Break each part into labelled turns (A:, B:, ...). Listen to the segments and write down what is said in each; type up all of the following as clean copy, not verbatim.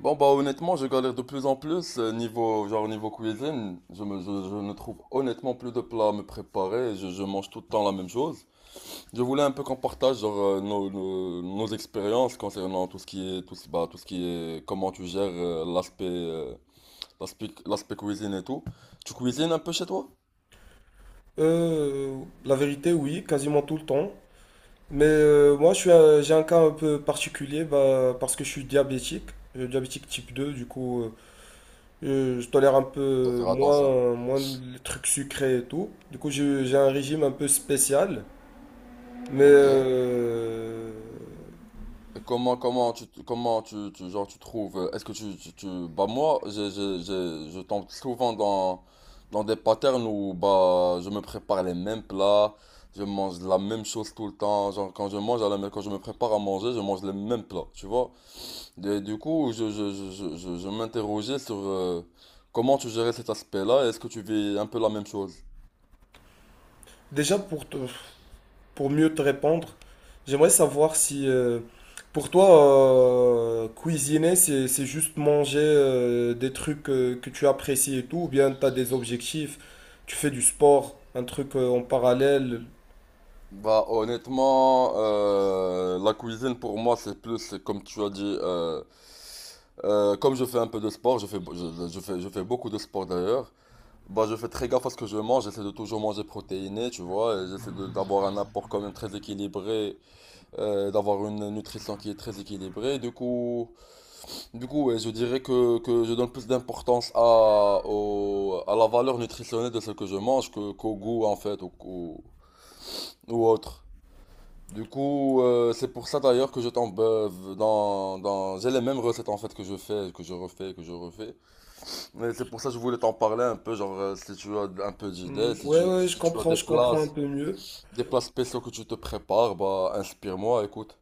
A: Bon bah honnêtement je galère de plus en plus niveau genre niveau cuisine je ne trouve honnêtement plus de plats à me préparer je mange tout le temps la même chose. Je voulais un peu qu'on partage genre nos expériences concernant tout ce qui est tout ce, bah, tout ce qui est comment tu gères l'aspect cuisine et tout. Tu cuisines un peu chez toi?
B: La vérité, oui, quasiment tout le temps. Mais moi, je suis j'ai un cas un peu particulier, parce que je suis diabétique. Je suis diabétique type 2. Du coup, je tolère un
A: Faut
B: peu
A: faire attention.
B: moins les trucs sucrés et tout. Du coup, j'ai un régime un peu spécial. Mais
A: Ok. Comment tu genre, tu trouves, est-ce que tu- bah, moi, je tombe souvent dans des patterns où, bah, je me prépare les mêmes plats, je mange la même chose tout le temps, genre, quand je mange quand je me prépare à manger, je mange les mêmes plats, tu vois. Et du coup, je m'interrogeais sur, comment tu gérais cet aspect-là, et est-ce que tu vis un peu la même chose?
B: déjà, pour mieux te répondre, j'aimerais savoir si pour toi, cuisiner, c'est juste manger des trucs que tu apprécies et tout, ou bien tu as des objectifs, tu fais du sport, un truc en parallèle.
A: Bah honnêtement, la cuisine pour moi c'est plus comme tu as dit, comme je fais un peu de sport, je fais beaucoup de sport d'ailleurs, bah je fais très gaffe à ce que je mange, j'essaie de toujours manger protéiné, tu vois, et j'essaie d'avoir un apport quand même très équilibré, d'avoir une nutrition qui est très équilibrée, du coup, du coup, ouais, je dirais que je donne plus d'importance à la valeur nutritionnelle de ce que je mange qu'au goût en fait, ou, ou autre. Du coup, c'est pour ça d'ailleurs que je tombe j'ai les mêmes recettes en fait que je fais, que je refais, que je refais. Mais c'est pour ça que je voulais t'en parler un peu, genre si tu as un peu d'idées,
B: Hmm,
A: si
B: ouais,
A: tu,
B: ouais,
A: si tu as des
B: je
A: plats,
B: comprends un peu mieux.
A: spéciaux que tu te prépares, bah inspire-moi, écoute.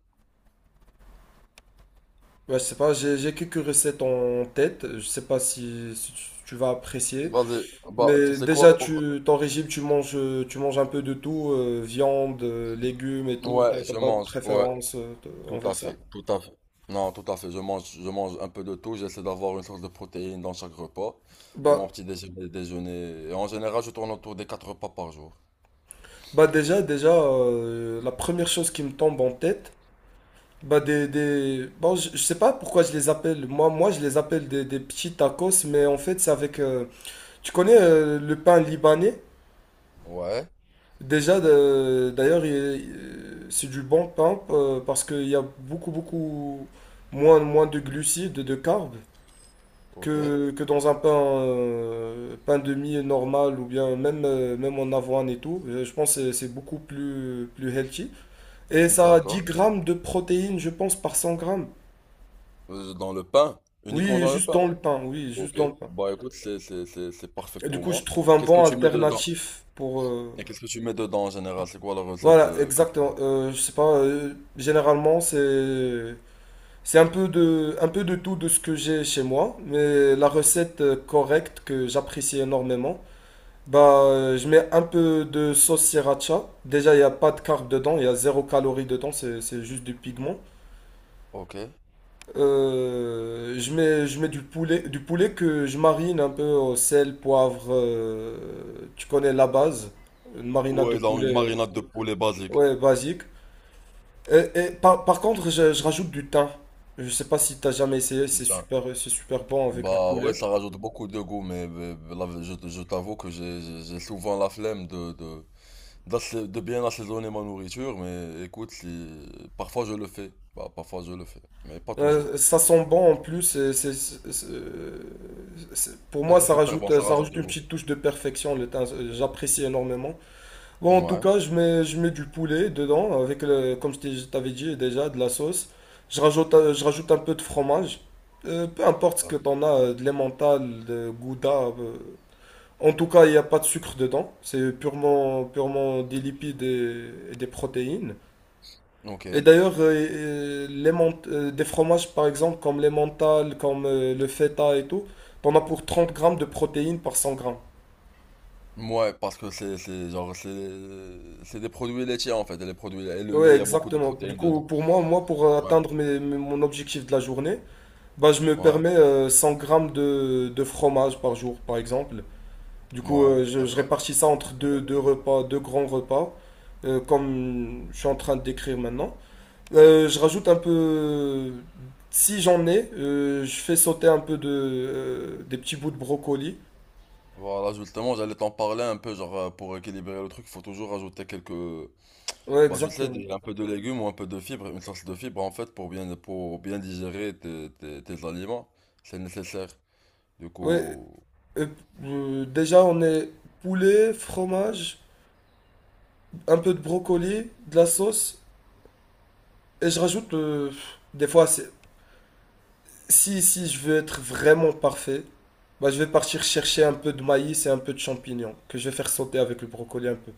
B: Ouais, je sais pas, j'ai quelques recettes en tête, je sais pas si tu vas apprécier.
A: Vas-y, bah tu
B: Mais
A: sais
B: déjà,
A: quoi?
B: ton régime, tu manges un peu de tout, viande, légumes et tout. T'as
A: Ouais,
B: t'as
A: je
B: pas de
A: mange, ouais,
B: préférence
A: tout à
B: envers ça?
A: fait, tout à fait. Non, tout à fait, je mange un peu de tout, j'essaie d'avoir une source de protéines dans chaque repas. Pour
B: Bah,
A: mon petit déjeuner. Et en général, je tourne autour des 4 repas par jour.
B: bah, déjà, la première chose qui me tombe en tête, bon, je sais pas pourquoi je les appelle. Moi, je les appelle des petits tacos, mais en fait, c'est avec, tu connais le pain libanais?
A: Ouais.
B: Déjà, d'ailleurs, c'est du bon pain, parce qu'il y a beaucoup moins de glucides, de carbs,
A: Ok,
B: que dans un pain, pain de mie normal ou bien même en avoine et tout. Je pense que c'est beaucoup plus healthy. Et ça a 10
A: d'accord.
B: grammes de protéines, je pense, par 100 grammes.
A: Dans le pain, uniquement
B: Oui,
A: dans le
B: juste
A: pain.
B: dans le pain, oui, juste
A: Ok,
B: dans le pain.
A: bah écoute, c'est parfait
B: Et du
A: pour
B: coup, je
A: moi.
B: trouve un
A: Qu'est-ce que
B: bon
A: tu mets dedans?
B: alternatif pour.
A: Et qu'est-ce que tu mets dedans en général? C'est quoi la recette
B: Voilà,
A: que tu...
B: exactement. Je sais pas, généralement. C'est un peu un peu de tout de ce que j'ai chez moi, mais la recette, correcte, que j'apprécie énormément. Bah, je mets un peu de sauce sriracha. Déjà, il n'y a pas de carbs dedans, il y a zéro calorie dedans, c'est juste du pigment.
A: Ok.
B: Je mets du poulet que je marine un peu au sel, poivre. Tu connais la base, une marinade de
A: Ouais, dans une
B: poulet,
A: marinade de poulet basique.
B: ouais, basique. Et par contre, je rajoute du thym. Je sais pas si t'as jamais essayé,
A: Putain.
B: c'est super bon avec du
A: Bah ouais,
B: poulet.
A: ça rajoute beaucoup de goût, mais là, je t'avoue que j'ai souvent la flemme de bien assaisonner ma nourriture, mais écoute, si... parfois je le fais. Bah parfois je le fais, mais pas toujours.
B: Ça
A: Pas
B: sent
A: toujours, pas
B: bon en
A: toujours.
B: plus. Et pour
A: Et
B: moi,
A: c'est super bon, ça
B: ça
A: rajoute
B: rajoute
A: de
B: une
A: goût.
B: petite touche de perfection. Le thym, j'apprécie énormément. Bon, en tout
A: Ouais.
B: cas, je mets du poulet dedans avec, le, je t'avais dit déjà, de la sauce. Je rajoute un peu de fromage. Peu importe ce que t'en as, de l'emmental, de gouda. euh, En tout cas, il n'y a pas de sucre dedans. C'est purement, purement des lipides et des protéines. Et
A: Ok.
B: d'ailleurs, des fromages, par exemple, comme les mentales, comme le feta et tout, t'en as pour 30 grammes de protéines par 100 grammes.
A: Ouais, parce que c'est genre c'est des produits laitiers en fait, et les produits et le
B: Ouais,
A: lait, il y a beaucoup de
B: exactement. Du
A: protéines
B: coup,
A: dedans.
B: pour moi, pour
A: Ouais.
B: atteindre mon objectif de la journée, bah, je me
A: Ouais.
B: permets 100 grammes de fromage par jour, par exemple. Du coup,
A: Ouais,
B: je
A: d'accord.
B: répartis ça entre
A: D'accord, d'accord,
B: deux
A: d'accord.
B: repas, deux grands repas, comme je suis en train de décrire maintenant. Je rajoute un peu, si j'en ai, je fais sauter un peu des petits bouts de brocoli.
A: Voilà, justement, j'allais t'en parler un peu, genre pour équilibrer le truc, il faut toujours ajouter quelques,
B: Ouais,
A: bah tu sais,
B: exactement.
A: un peu de légumes ou un peu de fibres, une source de fibres en fait pour bien digérer tes, tes aliments, c'est nécessaire. Du
B: Ouais,
A: coup,
B: euh, déjà on est poulet, fromage, un peu de brocoli, de la sauce, et je rajoute, des fois, si je veux être vraiment parfait, bah je vais partir chercher un peu de maïs et un peu de champignons que je vais faire sauter avec le brocoli un peu.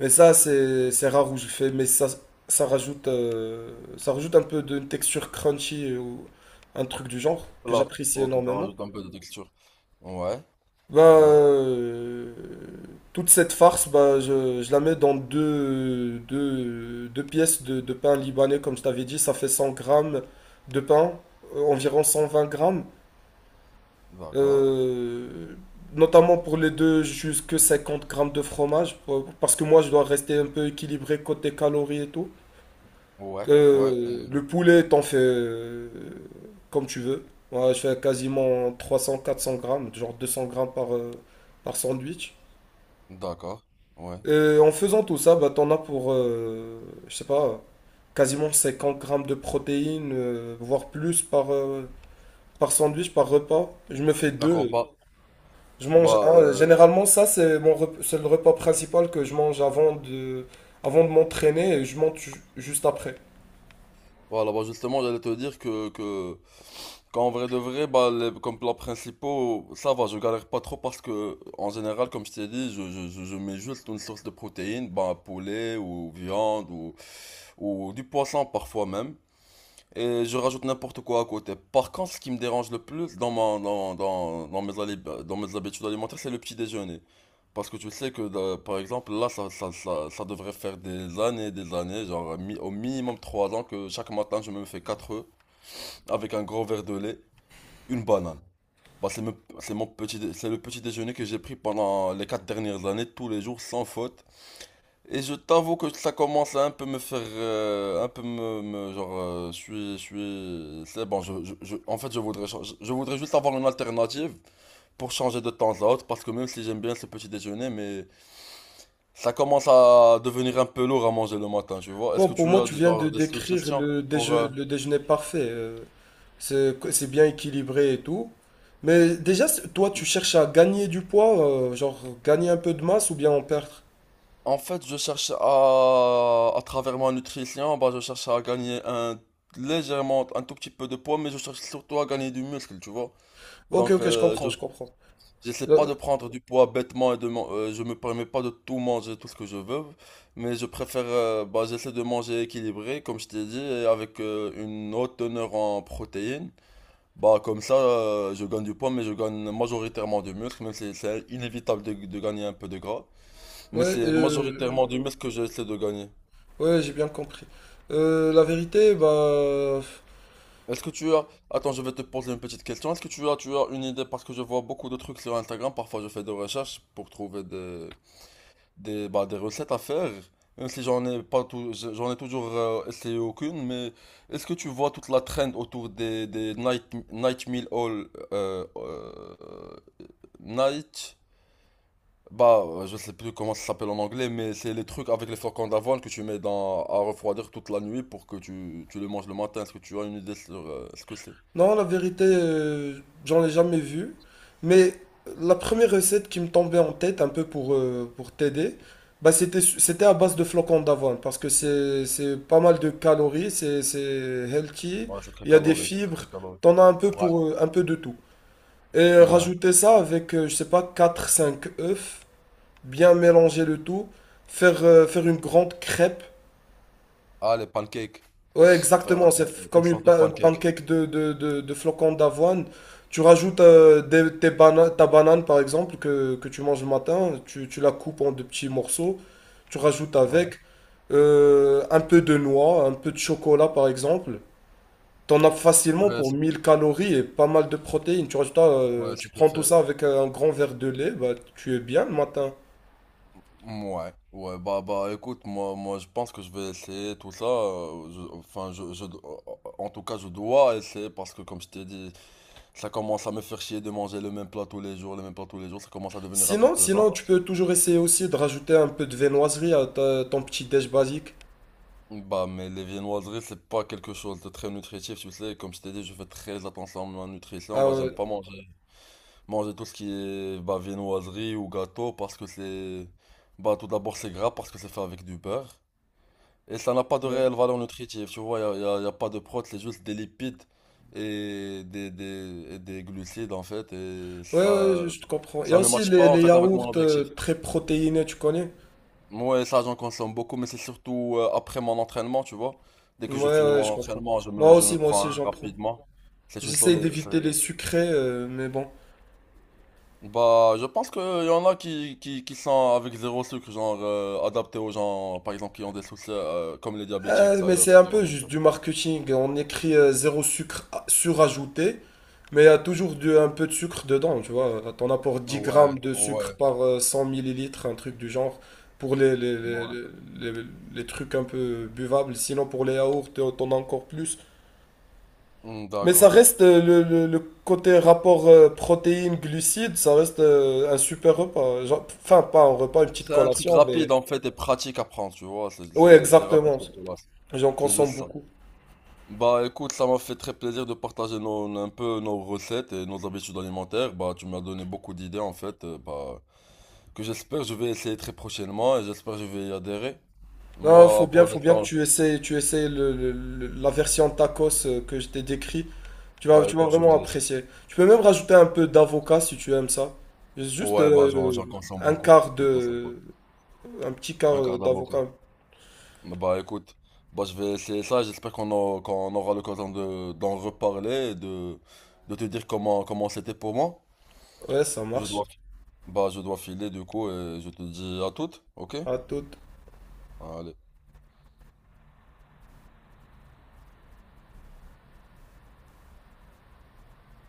B: Mais ça, c'est rare où je fais, mais ça, ça rajoute un peu de texture crunchy, ou un truc du genre que
A: là,
B: j'apprécie
A: ok, ça
B: énormément.
A: rajoute un peu de texture. Ouais,
B: Bah,
A: ouais,
B: euh, Toute cette farce, bah, je la mets dans deux pièces de pain libanais, comme je t'avais dit. Ça fait 100 grammes de pain, environ 120 grammes.
A: d'accord.
B: Euh, Notamment pour les deux, jusque 50 grammes de fromage, parce que moi, je dois rester un peu équilibré côté calories et tout.
A: Ouais, ouais,
B: Le poulet, t'en fais comme tu veux. Moi, je fais quasiment 300 400 grammes, genre 200 grammes par sandwich.
A: d'accord. Ouais.
B: Et en faisant tout ça, bah, t'en as je sais pas, quasiment 50 grammes de protéines, voire plus par sandwich, par repas. Je me fais
A: D'accord,
B: deux.
A: bah,
B: Je mange
A: bah
B: un.
A: euh,
B: Généralement, ça, c'est le repas principal que je mange avant de m'entraîner, et je mange juste après.
A: voilà, bah justement, j'allais te dire que, qu'en vrai de vrai, bah, comme plats principaux, ça va, je galère pas trop parce que, en général, comme je t'ai dit, je mets juste une source de protéines, bah, poulet ou viande ou du poisson parfois même. Et je rajoute n'importe quoi à côté. Par contre, ce qui me dérange le plus dans, ma- dans, dans, dans mes, ali- dans mes habitudes alimentaires, c'est le petit déjeuner. Parce que tu sais que, par exemple, là, ça devrait faire des années, genre au minimum 3 ans, que chaque matin, je me fais 4 œufs avec un gros verre de lait, une banane. Bah, c'est me- c'est mon petit, dé- c'est le petit déjeuner que j'ai pris pendant les 4 dernières années, tous les jours, sans faute. Et je t'avoue que ça commence à un peu me faire, un peu genre, c'est bon, en fait, je voudrais juste avoir une alternative pour changer de temps à autre, parce que même si j'aime bien ce petit déjeuner, mais ça commence à devenir un peu lourd à manger le matin, tu vois. Est-ce
B: Non,
A: que
B: pour
A: tu
B: moi,
A: as
B: tu viens de
A: genre des
B: décrire
A: suggestions pour,
B: le déjeuner parfait. C'est bien équilibré et tout. Mais déjà, toi, tu cherches à gagner du poids, genre gagner un peu de masse ou bien en perdre.
A: en fait, je cherche à, travers ma nutrition, bah, je cherche à gagner un légèrement, un tout petit peu de poids, mais je cherche surtout à gagner du muscle, tu vois.
B: Ok,
A: Donc,
B: ok, je comprends,
A: je
B: je comprends.
A: j'essaie pas
B: Euh,
A: de prendre du poids bêtement et de je me permets pas de tout manger, tout ce que je veux, mais je préfère, bah, j'essaie de manger équilibré, comme je t'ai dit, et avec une haute teneur en protéines. Bah, comme ça, je gagne du poids, mais je gagne majoritairement du muscle, même si c'est inévitable de, gagner un peu de gras. Mais
B: ouais,
A: c'est majoritairement du muscle que j'essaie de gagner.
B: ouais, j'ai bien compris. Euh, la vérité, bah,
A: Est-ce que tu as... Attends, je vais te poser une petite question. Est-ce que tu as une idée, parce que je vois beaucoup de trucs sur Instagram, parfois je fais des recherches pour trouver des, bah, des recettes à faire, même si j'en ai pas j'en ai toujours essayé aucune, mais est-ce que tu vois toute la trend autour des, night, night meal all euh, euh, night, bah je sais plus comment ça s'appelle en anglais, mais c'est les trucs avec les flocons d'avoine que tu mets dans à refroidir toute la nuit pour que tu le manges le matin. Est-ce que tu as une idée sur ce que c'est?
B: Non, la vérité, j'en ai jamais vu. Mais la première recette qui me tombait en tête, un peu pour t'aider, bah c'était à base de flocons d'avoine. Parce que c'est pas mal de calories, c'est healthy,
A: Ouais, c'est très
B: il y a des
A: calorique, c'est très
B: fibres,
A: calorique.
B: t'en as un peu
A: Ouais,
B: pour, un peu de tout. Et
A: ouais.
B: rajouter ça avec, je sais pas, quatre cinq œufs, bien mélanger le tout, faire une grande crêpe.
A: Ah, les pancakes.
B: Ouais,
A: Faire
B: exactement.
A: une
B: Comme
A: sorte de
B: un
A: pancake.
B: pancake de flocons d'avoine. Tu rajoutes, ta banane, par exemple, que tu manges le matin. Tu la coupes en de petits morceaux. Tu rajoutes
A: Ouais.
B: avec un peu de noix, un peu de chocolat, par exemple. T'en as facilement
A: Ouais,
B: pour 1000 calories et pas mal de protéines.
A: ouais,
B: Tu
A: c'était
B: prends tout
A: fait.
B: ça avec, un grand verre de lait, bah, tu es bien le matin.
A: Ouais, ouais, bah, bah, écoute, moi, moi, je pense que je vais essayer tout ça. Enfin, en tout cas, je dois essayer parce que, comme je t'ai dit, ça commence à me faire chier de manger le même plat tous les jours, le même plat tous les jours. Ça commence à devenir un peu
B: Sinon,
A: pesant.
B: tu peux toujours essayer aussi de rajouter un peu de viennoiserie à ton petit déj basique.
A: Bah, mais les viennoiseries, c'est pas quelque chose de très nutritif, tu sais. Comme je t'ai dit, je fais très attention à ma nutrition.
B: Ah
A: Bah, j'aime
B: ouais.
A: pas manger, manger tout ce qui est, bah, viennoiserie ou gâteau parce que c'est, bah, tout d'abord, c'est gras parce que c'est fait avec du beurre. Et ça n'a pas de réelle valeur nutritive, tu vois, il n'y a, y a- y a pas de protéines, c'est juste des lipides et des glucides en fait, et
B: Ouais, ouais,
A: ça,
B: je te comprends. Il y a
A: ça ne
B: aussi
A: matche pas en
B: les
A: fait avec
B: yaourts,
A: mon objectif.
B: très protéinés, tu connais?
A: Moi, ça j'en consomme beaucoup, mais c'est surtout après mon entraînement, tu vois. Dès
B: Ouais,
A: que je finis
B: ouais, je
A: mon
B: comprends.
A: entraînement, je me,
B: Moi
A: je
B: aussi,
A: me
B: moi
A: prends un
B: aussi, j'en prends.
A: rapidement. C'est une
B: J'essaye
A: solé...
B: d'éviter les sucrés, mais bon.
A: Bah, je pense qu'il y en a qui sont avec zéro sucre, genre adaptés aux gens, par exemple, qui ont des soucis, comme les diabétiques
B: Mais
A: d'ailleurs,
B: c'est un
A: qui ont
B: peu
A: des...
B: juste du
A: problèmes.
B: marketing. On écrit, zéro sucre surajouté, mais il y a toujours un peu de sucre dedans, tu vois. T'en as pour 10
A: Ouais,
B: grammes de
A: ouais,
B: sucre par, 100 millilitres, un truc du genre, pour
A: ouais.
B: les trucs un peu buvables. Sinon, pour les yaourts, t'en as encore plus.
A: Hmm,
B: Mais ça
A: d'accord.
B: reste, le côté rapport, protéines-glucides, ça reste, un super repas. Enfin, pas un repas, une petite
A: C'est un truc
B: collation.
A: rapide en fait et pratique à prendre, tu vois. C'est
B: Ouais,
A: c'est- c'est rapide
B: exactement.
A: comme classe.
B: J'en
A: C'est juste
B: consomme
A: ça.
B: beaucoup.
A: Bah écoute, ça m'a fait très plaisir de partager un peu nos recettes et nos habitudes alimentaires. Bah tu m'as donné beaucoup d'idées en fait. Bah que j'espère je vais essayer très prochainement et j'espère je vais y adhérer.
B: Non,
A: Moi pour
B: faut bien que
A: l'instant,
B: tu essayes la version tacos, que je t'ai décrit. Tu vas,
A: bah
B: tu vas
A: écoute, je
B: vraiment
A: vais laisser.
B: apprécier. Tu peux même rajouter un peu d'avocat si tu aimes ça. Juste,
A: Ouais, bah j'en
B: euh,
A: consomme
B: un
A: beaucoup.
B: quart
A: J'en consomme
B: de...
A: beaucoup.
B: Un petit
A: Un
B: quart,
A: quart d'avocat.
B: d'avocat.
A: Bah écoute, bah je vais essayer ça, j'espère qu'on aura l'occasion de d'en reparler, et de, te dire comment c'était pour moi.
B: Ouais, ça
A: Je
B: marche.
A: dois bah je dois filer du coup et je te dis à toutes, ok?
B: À toute.
A: Allez.